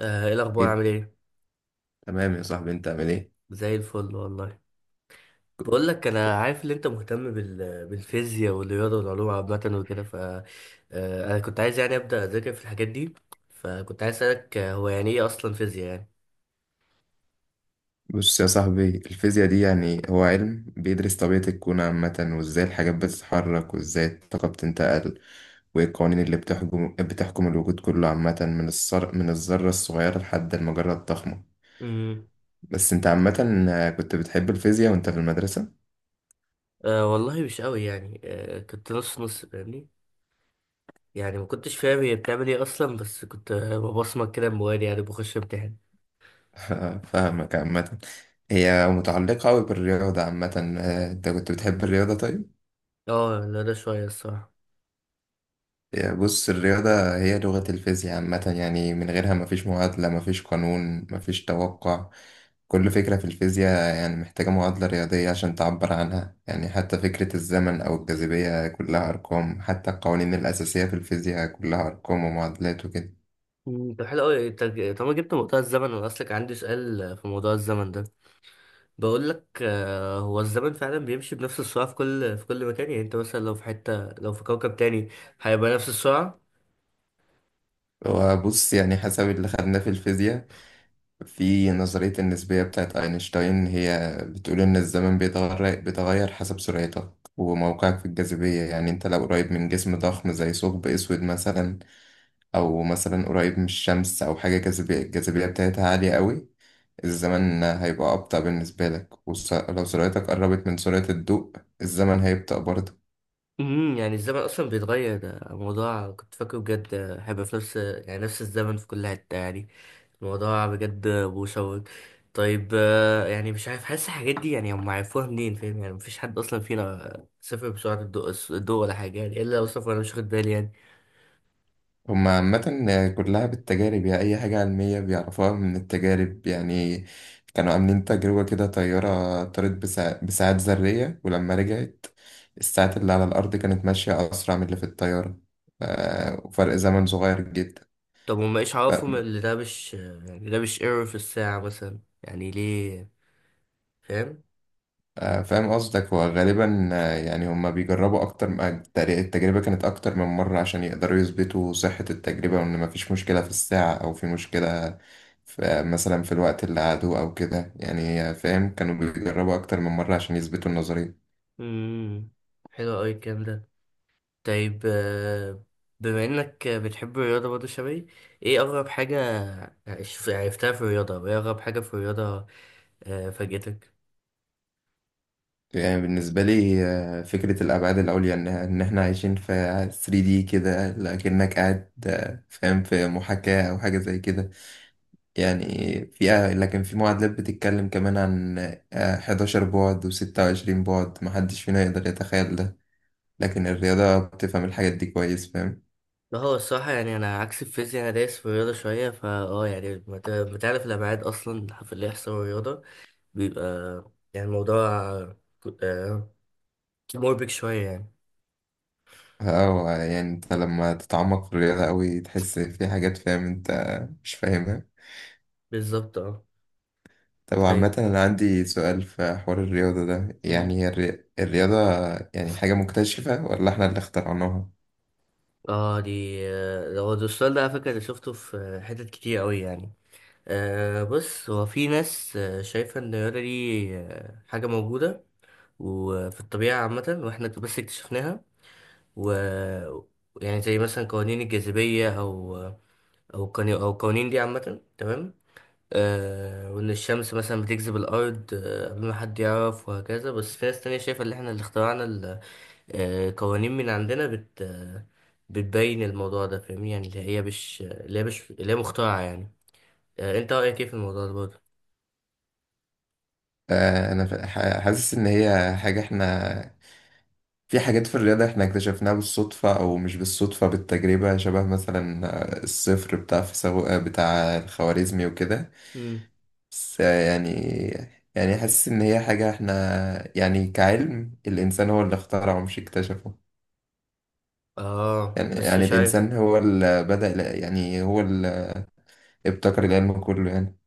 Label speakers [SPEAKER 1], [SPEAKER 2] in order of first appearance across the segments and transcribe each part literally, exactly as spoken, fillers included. [SPEAKER 1] آه، ايه الاخبار؟
[SPEAKER 2] ايه.
[SPEAKER 1] عامل ايه؟
[SPEAKER 2] تمام يا صاحبي انت عامل ايه؟
[SPEAKER 1] زي الفل والله. بقول لك، انا عارف ان انت مهتم بال... بالفيزياء والرياضه والعلوم عامه وكده. ف آه، انا كنت عايز يعني ابدا اذاكر في الحاجات دي، فكنت عايز اسالك، آه، هو يعني ايه اصلا فيزياء يعني؟
[SPEAKER 2] بص يا صاحبي الفيزياء دي يعني هو علم بيدرس طبيعة الكون عامة وازاي الحاجات بتتحرك وازاي الطاقة بتنتقل وايه القوانين اللي بتحكم بتحكم الوجود كله عامة من الصر... من الذرة الصغيرة لحد المجرة الضخمة.
[SPEAKER 1] امم
[SPEAKER 2] بس انت عامة كنت بتحب الفيزياء وانت في المدرسة؟
[SPEAKER 1] أه والله مش قوي يعني، أه كنت نص نص فاهمني. يعني ما كنتش فاهم هي بتعمل ايه اصلا، بس كنت آه، ببصمك كده موالي، يعني بخش امتحان.
[SPEAKER 2] فاهمك عامة. هي متعلقة أوي بالرياضة عامة، آه، انت كنت بتحب الرياضة طيب؟
[SPEAKER 1] اه لا ده شويه الصراحه.
[SPEAKER 2] يا بص الرياضة هي لغة الفيزياء عامة، يعني من غيرها مفيش معادلة مفيش قانون مفيش توقع. كل فكرة في الفيزياء يعني محتاجة معادلة رياضية عشان تعبر عنها، يعني حتى فكرة الزمن أو الجاذبية كلها أرقام، حتى القوانين الأساسية في الفيزياء كلها أرقام ومعادلات وكده.
[SPEAKER 1] مم، طب حلو قوي انت. طب ما جبت موضوع الزمن، انا اصلك عندي سؤال آه، في موضوع الزمن ده. بقول لك، آه، هو الزمن فعلا بيمشي بنفس السرعة في كل في كل مكان؟ يعني انت مثلا لو في حتة، لو في كوكب تاني هيبقى نفس السرعة؟
[SPEAKER 2] وبص يعني حسب اللي خدناه في الفيزياء في نظرية النسبية بتاعت أينشتاين، هي بتقول إن الزمن بيتغير بيتغير حسب سرعتك وموقعك في الجاذبية. يعني أنت لو قريب من جسم ضخم زي ثقب أسود مثلا، أو مثلا قريب من الشمس أو حاجة جاذبية الجاذبية بتاعتها عالية قوي، الزمن هيبقى أبطأ بالنسبة لك. ولو سرعتك قربت من سرعة الضوء الزمن هيبطأ برضه.
[SPEAKER 1] امم، يعني الزمن اصلا بيتغير؟ ده موضوع كنت فاكره بجد آه، هيبقى في نفس، يعني نفس الزمن في كل حتة يعني. الموضوع بجد مشوق. طيب آه، يعني مش عارف، حاسس الحاجات دي يعني هم عرفوها منين؟ فاهم يعني؟ مفيش حد اصلا فينا سافر بسرعة الضوء الضوء ولا حاجة يعني، الا لو سافر انا مش واخد بالي يعني.
[SPEAKER 2] هما عامة كلها بالتجارب، يعني أي حاجة علمية بيعرفوها من التجارب يعني. كانوا عاملين تجربة كده، طيارة طارت بسا- بساعات ذرية، ولما رجعت الساعات اللي على الأرض كانت ماشية أسرع من اللي في الطيارة. ف- وفرق زمن صغير جدا.
[SPEAKER 1] طب هم ايش عرفهم؟ اللي ده مش يعني ده مش ايرور في الساعة مثلا يعني؟ ليه؟ فاهم؟
[SPEAKER 2] آه، فاهم قصدك. هو غالبا آه، يعني هما بيجربوا أكتر م- آه، التر- التجربة كانت أكتر من مرة عشان يقدروا يثبتوا صحة التجربة، وإن مفيش مشكلة في الساعة أو في مشكلة في مثلا في الوقت اللي قعدوه أو كده، يعني آه، فاهم، كانوا بيجربوا أكتر من مرة عشان يثبتوا النظرية.
[SPEAKER 1] امم. حلو أوي الكلام ده. طيب آه، بما إنك بتحب الرياضة برضه شبهي، إيه أغرب حاجة عش- عرفتها في الرياضة؟ وإيه أغرب حاجة في الرياضة؟ آه، فاجئتك؟
[SPEAKER 2] يعني بالنسبة لي آه، فكرة الأبعاد العليا، إن إن إحنا عايشين في ثري دي كده، لكنك قاعد آه، فاهم في محاكاة أو حاجة زي كده يعني. في آه، لكن في معادلات بتتكلم كمان عن آه، حداشر بعد و26 بعد، محدش فينا يقدر يتخيل ده، لكن الرياضة بتفهم الحاجات دي كويس فاهم.
[SPEAKER 1] لا هو الصراحة يعني، أنا عكس الفيزياء، أنا دايس في الرياضة شوية. فا أه يعني بت- بتعرف الأبعاد أصلا في اللي يحصل في الرياضة بيبقى، يعني الموضوع آه، مربك شوية يعني.
[SPEAKER 2] اه يعني انت لما تتعمق في الرياضة أوي تحس في حاجات فاهم انت مش فاهمها.
[SPEAKER 1] بالظبط أه.
[SPEAKER 2] طب
[SPEAKER 1] طيب.
[SPEAKER 2] عامة أنا عندي سؤال في حوار الرياضة ده.
[SPEAKER 1] مم.
[SPEAKER 2] يعني هي الري- الرياضة يعني حاجة مكتشفة ولا احنا اللي اخترعناها؟
[SPEAKER 1] اه دي آه، هو ده السؤال ده، على فكرة أنا شفته في آه، حتت كتير أوي يعني. أه بص، هو في ناس آه، شايفة إن الرياضة دي آه، حاجة موجودة وفي الطبيعة عامة، وإحنا بس اكتشفناها. و يعني زي مثلا قوانين الجاذبية، أو آه، أو قوانين، أو القوانين دي عامة، تمام. أه، وإن الشمس مثلا بتجذب الأرض آه، قبل ما حد يعرف، وهكذا. بس في ناس تانية شايفة إن إحنا اللي اخترعنا ال- آه، قوانين من عندنا بت آه، بتبين الموضوع ده، فاهمني؟ يعني اللي هي مش، اللي هي مش، اللي هي مخترعة يعني. أه، أنت رأيك إيه في الموضوع ده برضه؟
[SPEAKER 2] آه، أنا ف- ح- حاسس إن هي حاجة احنا، في حاجات في الرياضة احنا اكتشفناها بالصدفة، أو مش بالصدفة بالتجربة شبه. مثلا آه، الصفر بتاع فيثاغو بتاع الخوارزمي وكده. بس يعني، يعني حاسس إن هي حاجة احنا يعني كعلم، الإنسان هو اللي اخترعه مش اكتشفه.
[SPEAKER 1] اه
[SPEAKER 2] يعني
[SPEAKER 1] بس
[SPEAKER 2] يعني
[SPEAKER 1] مش عارف،
[SPEAKER 2] الإنسان هو اللي بدأ، يعني هو اللي ابتكر العلم كله يعني.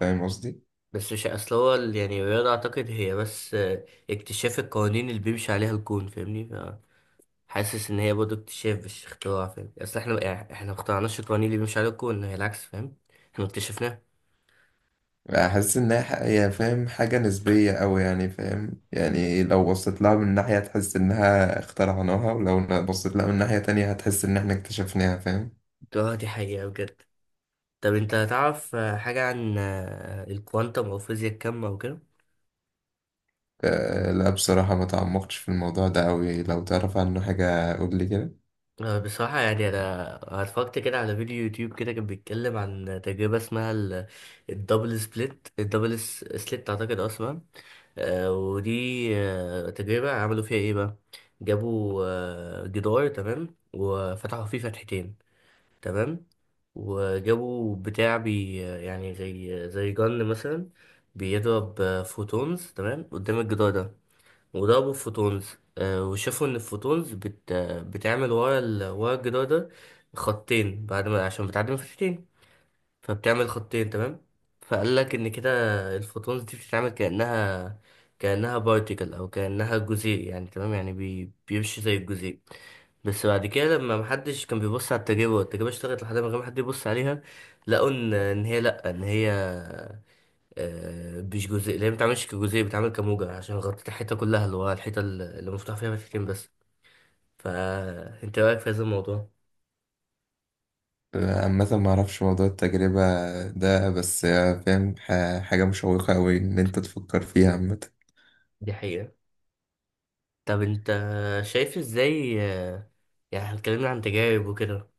[SPEAKER 2] فاهم قصدي؟
[SPEAKER 1] بس مش، اصل هو ال- يعني الرياضة اعتقد هي بس آه، اكتشاف القوانين اللي بيمشي عليها الكون، فاهمني؟ فحاسس ان هي برضه اكتشاف مش اختراع، فاهم؟ اصل احنا، يعني احنا ما اخترعناش القوانين اللي بيمشي عليها الكون، هي العكس، فاهم؟ احنا اكتشفناها.
[SPEAKER 2] احس انها ح- يعني فاهم حاجة نسبية أوي يعني فاهم. يعني لو بصيت لها من ناحية تحس انها اخترعناها، ولو ن- بصيت لها من ناحية تانية هتحس ان احنا اكتشفناها فاهم.
[SPEAKER 1] اه دي حقيقة بجد. طب انت هتعرف آه، حاجة عن آه، الكوانتم او فيزياء الكم او كده؟
[SPEAKER 2] آه، لا بصراحة ما تعمقتش في الموضوع ده أوي، لو تعرف عنه حاجة قولي كده.
[SPEAKER 1] آه، بصراحة يعني، أنا أنا اتفرجت كده على فيديو يوتيوب، كده كان بيتكلم عن تجربة اسمها ال- الدبل سبليت، الدبل س- سليت أعتقد أصلا. آه، ودي آه، تجربة عملوا فيها ايه بقى؟ جابوا آه، جدار، تمام، وفتحوا فيه فتحتين، تمام. وجابوا بتاع بي، يعني زي زي جن مثلا بيضرب آه، فوتونز تمام قدام الجدار ده، وضربوا فوتونز. آه، وشافوا ان الفوتونز بت آه، بتعمل ورا ال... ورا الجدار ده خطين، بعد ما، عشان بتعدي من فتحتين، فبتعمل خطين، تمام. فقال لك ان كده الفوتونز دي بتتعمل كانها كانها بارتيكل، او كانها جزيء يعني. تمام، يعني بي... بيمشي زي الجزيء. بس بعد كده لما محدش كان بيبص على التجربه والتجربه اشتغلت لحد ما، غير ما حد يبص عليها، لقوا ان إن هي لا ان هي آه، مش جزيء، اللي هي ما بتتعملش كجزيء، بتتعمل كموجة، عشان غطت الحيطه كلها، اللي هو الحيطه اللي اللي مفتوح فيها فتحتين بس. فانت رايك في هذا الموضوع؟
[SPEAKER 2] آه، عامة ما اعرفش موضوع التجربة ده، بس آه، فاهم ح- حاجة مشوقة أوي ان انت تفكر فيها عامة.
[SPEAKER 1] دي حقيقه. طب انت شايف ازاي آه، يعني اتكلمنا عن تجارب وكده،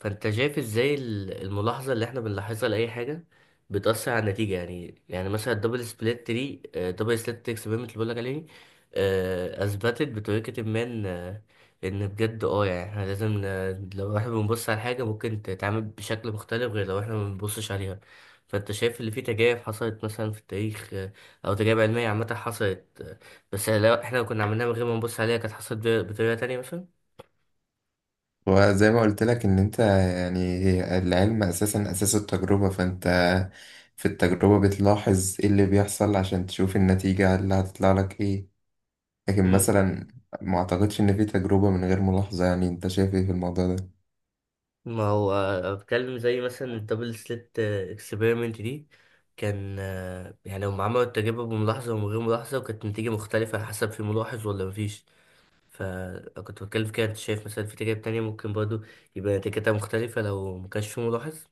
[SPEAKER 1] فانت شايف ازاي ال- الملاحظة اللي احنا بنلاحظها لأي حاجة بتأثر على النتيجة؟ يعني يعني مثلا الدبل سبليت دي، دبل سبليت اكسبيرمنت اللي بقولك عليه، آه، أثبتت بطريقة ما إن آه، إن بجد اه يعني احنا لازم ن- لو احنا بنبص على حاجة ممكن تتعامل بشكل مختلف غير لو احنا ما بنبصش عليها. فانت شايف اللي فيه تجارب حصلت مثلا في التاريخ آه، او تجارب علمية عامة حصلت، آه، بس لو احنا كنا عملناها من غير ما نبص عليها كانت حصلت بطريقة تانية مثلا؟
[SPEAKER 2] وزي ما قلت لك ان انت يعني هي- العلم اساسا اساس التجربة، فانت في التجربة بتلاحظ ايه اللي بيحصل عشان تشوف النتيجة اللي هتطلع لك ايه. لكن مثلا ما اعتقدش ان في تجربة من غير ملاحظة، يعني انت شايف ايه في الموضوع ده؟
[SPEAKER 1] ما هو آه، بتكلم زي مثلا الدبل سليت اكسبيرمنت دي، كان آه، يعني هم عملوا التجربة بملاحظة ومن غير ملاحظة، وكانت النتيجة مختلفة على حسب في ملاحظ ولا مفيش. فكنت بتكلم في كده، انت شايف مثلا في تجارب تانية ممكن برضو يبقى نتيجتها مختلفة لو مكانش في ملاحظ؟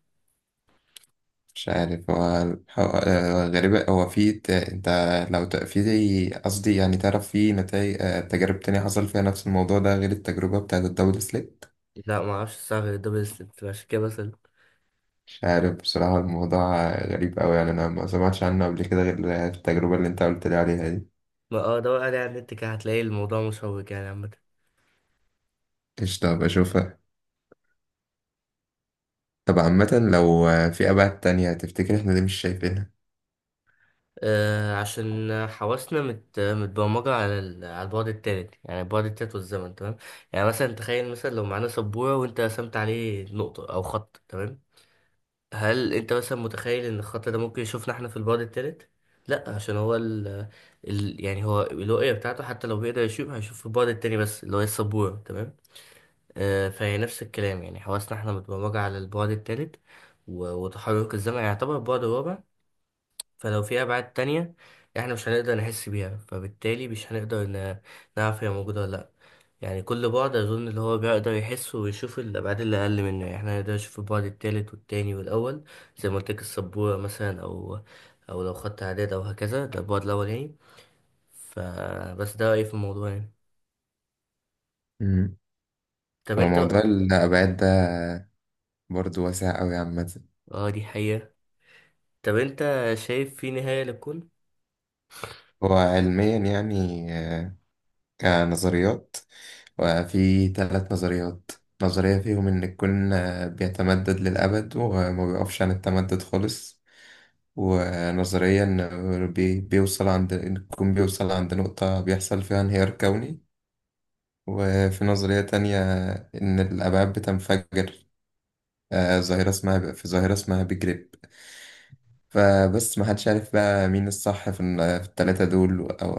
[SPEAKER 2] مش عارف، هو الح- آه، غريبة. هو في ت- انت لو ت- في زي- قصدي يعني تعرف في نتائج تجارب تانية حصل فيها نفس الموضوع ده غير التجربة بتاعت الدبل سليك؟
[SPEAKER 1] لا معرفش الصراحة غير الدبل سليت، عشان كده مثلا
[SPEAKER 2] مش عارف بصراحة، الموضوع غريب أوي يعني، أنا ما سمعتش عنه قبل كده غير التجربة اللي أنت قلت لي عليها دي.
[SPEAKER 1] ما اه دور عليه على النت كده، هتلاقي الموضوع مشوق يعني عامة.
[SPEAKER 2] قشطة بشوفها. طب عامة لو في أبعاد تانية تفتكر إحنا ليه مش شايفينها؟
[SPEAKER 1] آه، عشان حواسنا مت... متبرمجة على ال... على البعد التالت، يعني البعد التالت والزمن، تمام. يعني مثلا تخيل، مثلا لو معانا سبورة وانت رسمت عليه نقطة أو خط، تمام، هل انت مثلا متخيل ان الخط ده ممكن يشوفنا احنا في البعد التالت؟ لا، عشان هو ال... ال... يعني هو الرؤية بتاعته حتى لو بيقدر يشوف هيشوف في البعد التاني بس، اللي هو السبورة، تمام. آه، فهي نفس الكلام، يعني حواسنا احنا متبرمجة على البعد التالت، و... وتحرك الزمن يعني يعتبر البعد الرابع. فلو في أبعاد تانية احنا مش هنقدر نحس بيها، فبالتالي مش هنقدر ن- نعرف هي موجودة ولا لأ. يعني كل بعد أظن اللي هو بيقدر يحسه ويشوف الأبعاد اللي أقل منه، يعني احنا نقدر نشوف البعد التالت والتاني والأول، زي ما قلت لك السبورة مثلا، أو أو لو خدت إعداد أو هكذا ده البعد الأول يعني. فبس ده رأيي في الموضوع يعني.
[SPEAKER 2] مم.
[SPEAKER 1] طب
[SPEAKER 2] هو
[SPEAKER 1] أنت،
[SPEAKER 2] موضوع الأبعاد ده برضه واسع أوي عامة.
[SPEAKER 1] اه دي حقيقة. طب أنت شايف في نهاية للكون؟
[SPEAKER 2] هو علميا يعني آه، كنظريات، وفي ثلاث نظريات. نظرية فيهم إن الكون آه، بيتمدد للأبد وما بيقفش عن التمدد خالص. ونظريا بي- بيوصل عند الكون بيوصل عند نقطة بيحصل فيها انهيار كوني. وفي نظرية تانية إن الأبعاد بتنفجر، آه، ظاهرة اسمها في ظاهرة اسمها بيج ريب. فبس محدش عارف بقى مين الصح في ال- في التلاتة دول، أو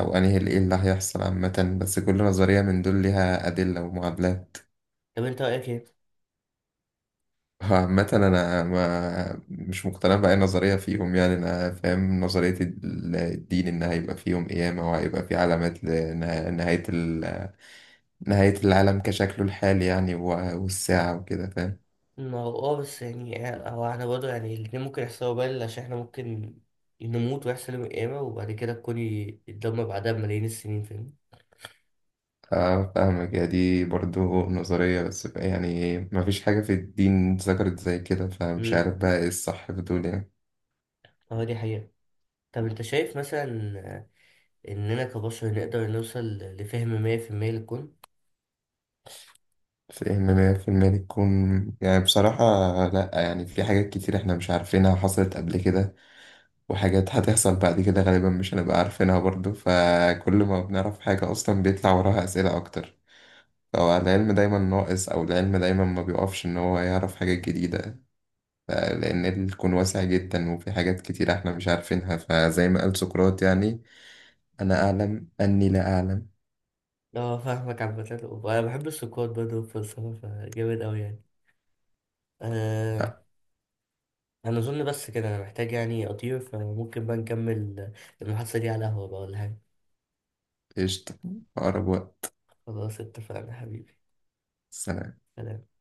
[SPEAKER 2] أو أنهي اللي- إيه اللي هيحصل عامة. بس كل نظرية من دول ليها أدلة ومعادلات.
[SPEAKER 1] طب أنت رأيك إيه؟
[SPEAKER 2] هو عامة أنا ما مش مقتنع بأي نظرية فيهم، يعني أنا فاهم نظرية ال- الدين، إن هيبقى فيهم قيامة وهيبقى في علامات لنهاية ال... نهاية العالم كشكله الحالي يعني، و- والساعة وكده فاهم.
[SPEAKER 1] ما هو اه، بس يعني هو احنا برضه يعني الاتنين ممكن يحصلوا بالي، عشان احنا ممكن نموت ويحصل يوم القيامة، وبعد كده الكون ي- يتدمر بعدها بملايين السنين، فاهم؟
[SPEAKER 2] آه، فاهمك، يا دي برضو نظرية، بس يعني ما فيش حاجة في الدين ذكرت زي كده، فمش عارف
[SPEAKER 1] امم،
[SPEAKER 2] بقى إيه الصح في دول يعني.
[SPEAKER 1] اه دي حقيقة. طب انت شايف مثلا آه، اننا كبشر نقدر نوصل لفهم مية في المية للكون؟
[SPEAKER 2] فإن مية في إن مية في المية تكون، يعني بصراحة لأ. يعني في حاجات كتير إحنا مش عارفينها حصلت قبل كده، وحاجات هتحصل بعد كده غالبا مش هنبقى عارفينها برضو. فكل ما بنعرف حاجة أصلا بيطلع وراها أسئلة أكتر، فالعلم دايما ناقص، أو العلم دايما ما بيقفش إن هو يعرف حاجات جديدة. ف- لأن الكون واسع جدا وفي حاجات كتير إحنا مش عارفينها، فزي ما قال سقراط يعني أنا أعلم أني لا أعلم.
[SPEAKER 1] اه فاهمك عامة، وانا بحب السكوت برضه والفلسفة، فجامد اوي يعني. آه
[SPEAKER 2] أ-
[SPEAKER 1] انا اظن بس كده انا محتاج يعني اطير، فممكن بقى نكمل المحادثة دي على قهوة بقى ولا حاجة.
[SPEAKER 2] قشطة، في أقرب وقت.
[SPEAKER 1] خلاص اتفقنا حبيبي.
[SPEAKER 2] سلام.
[SPEAKER 1] سلام.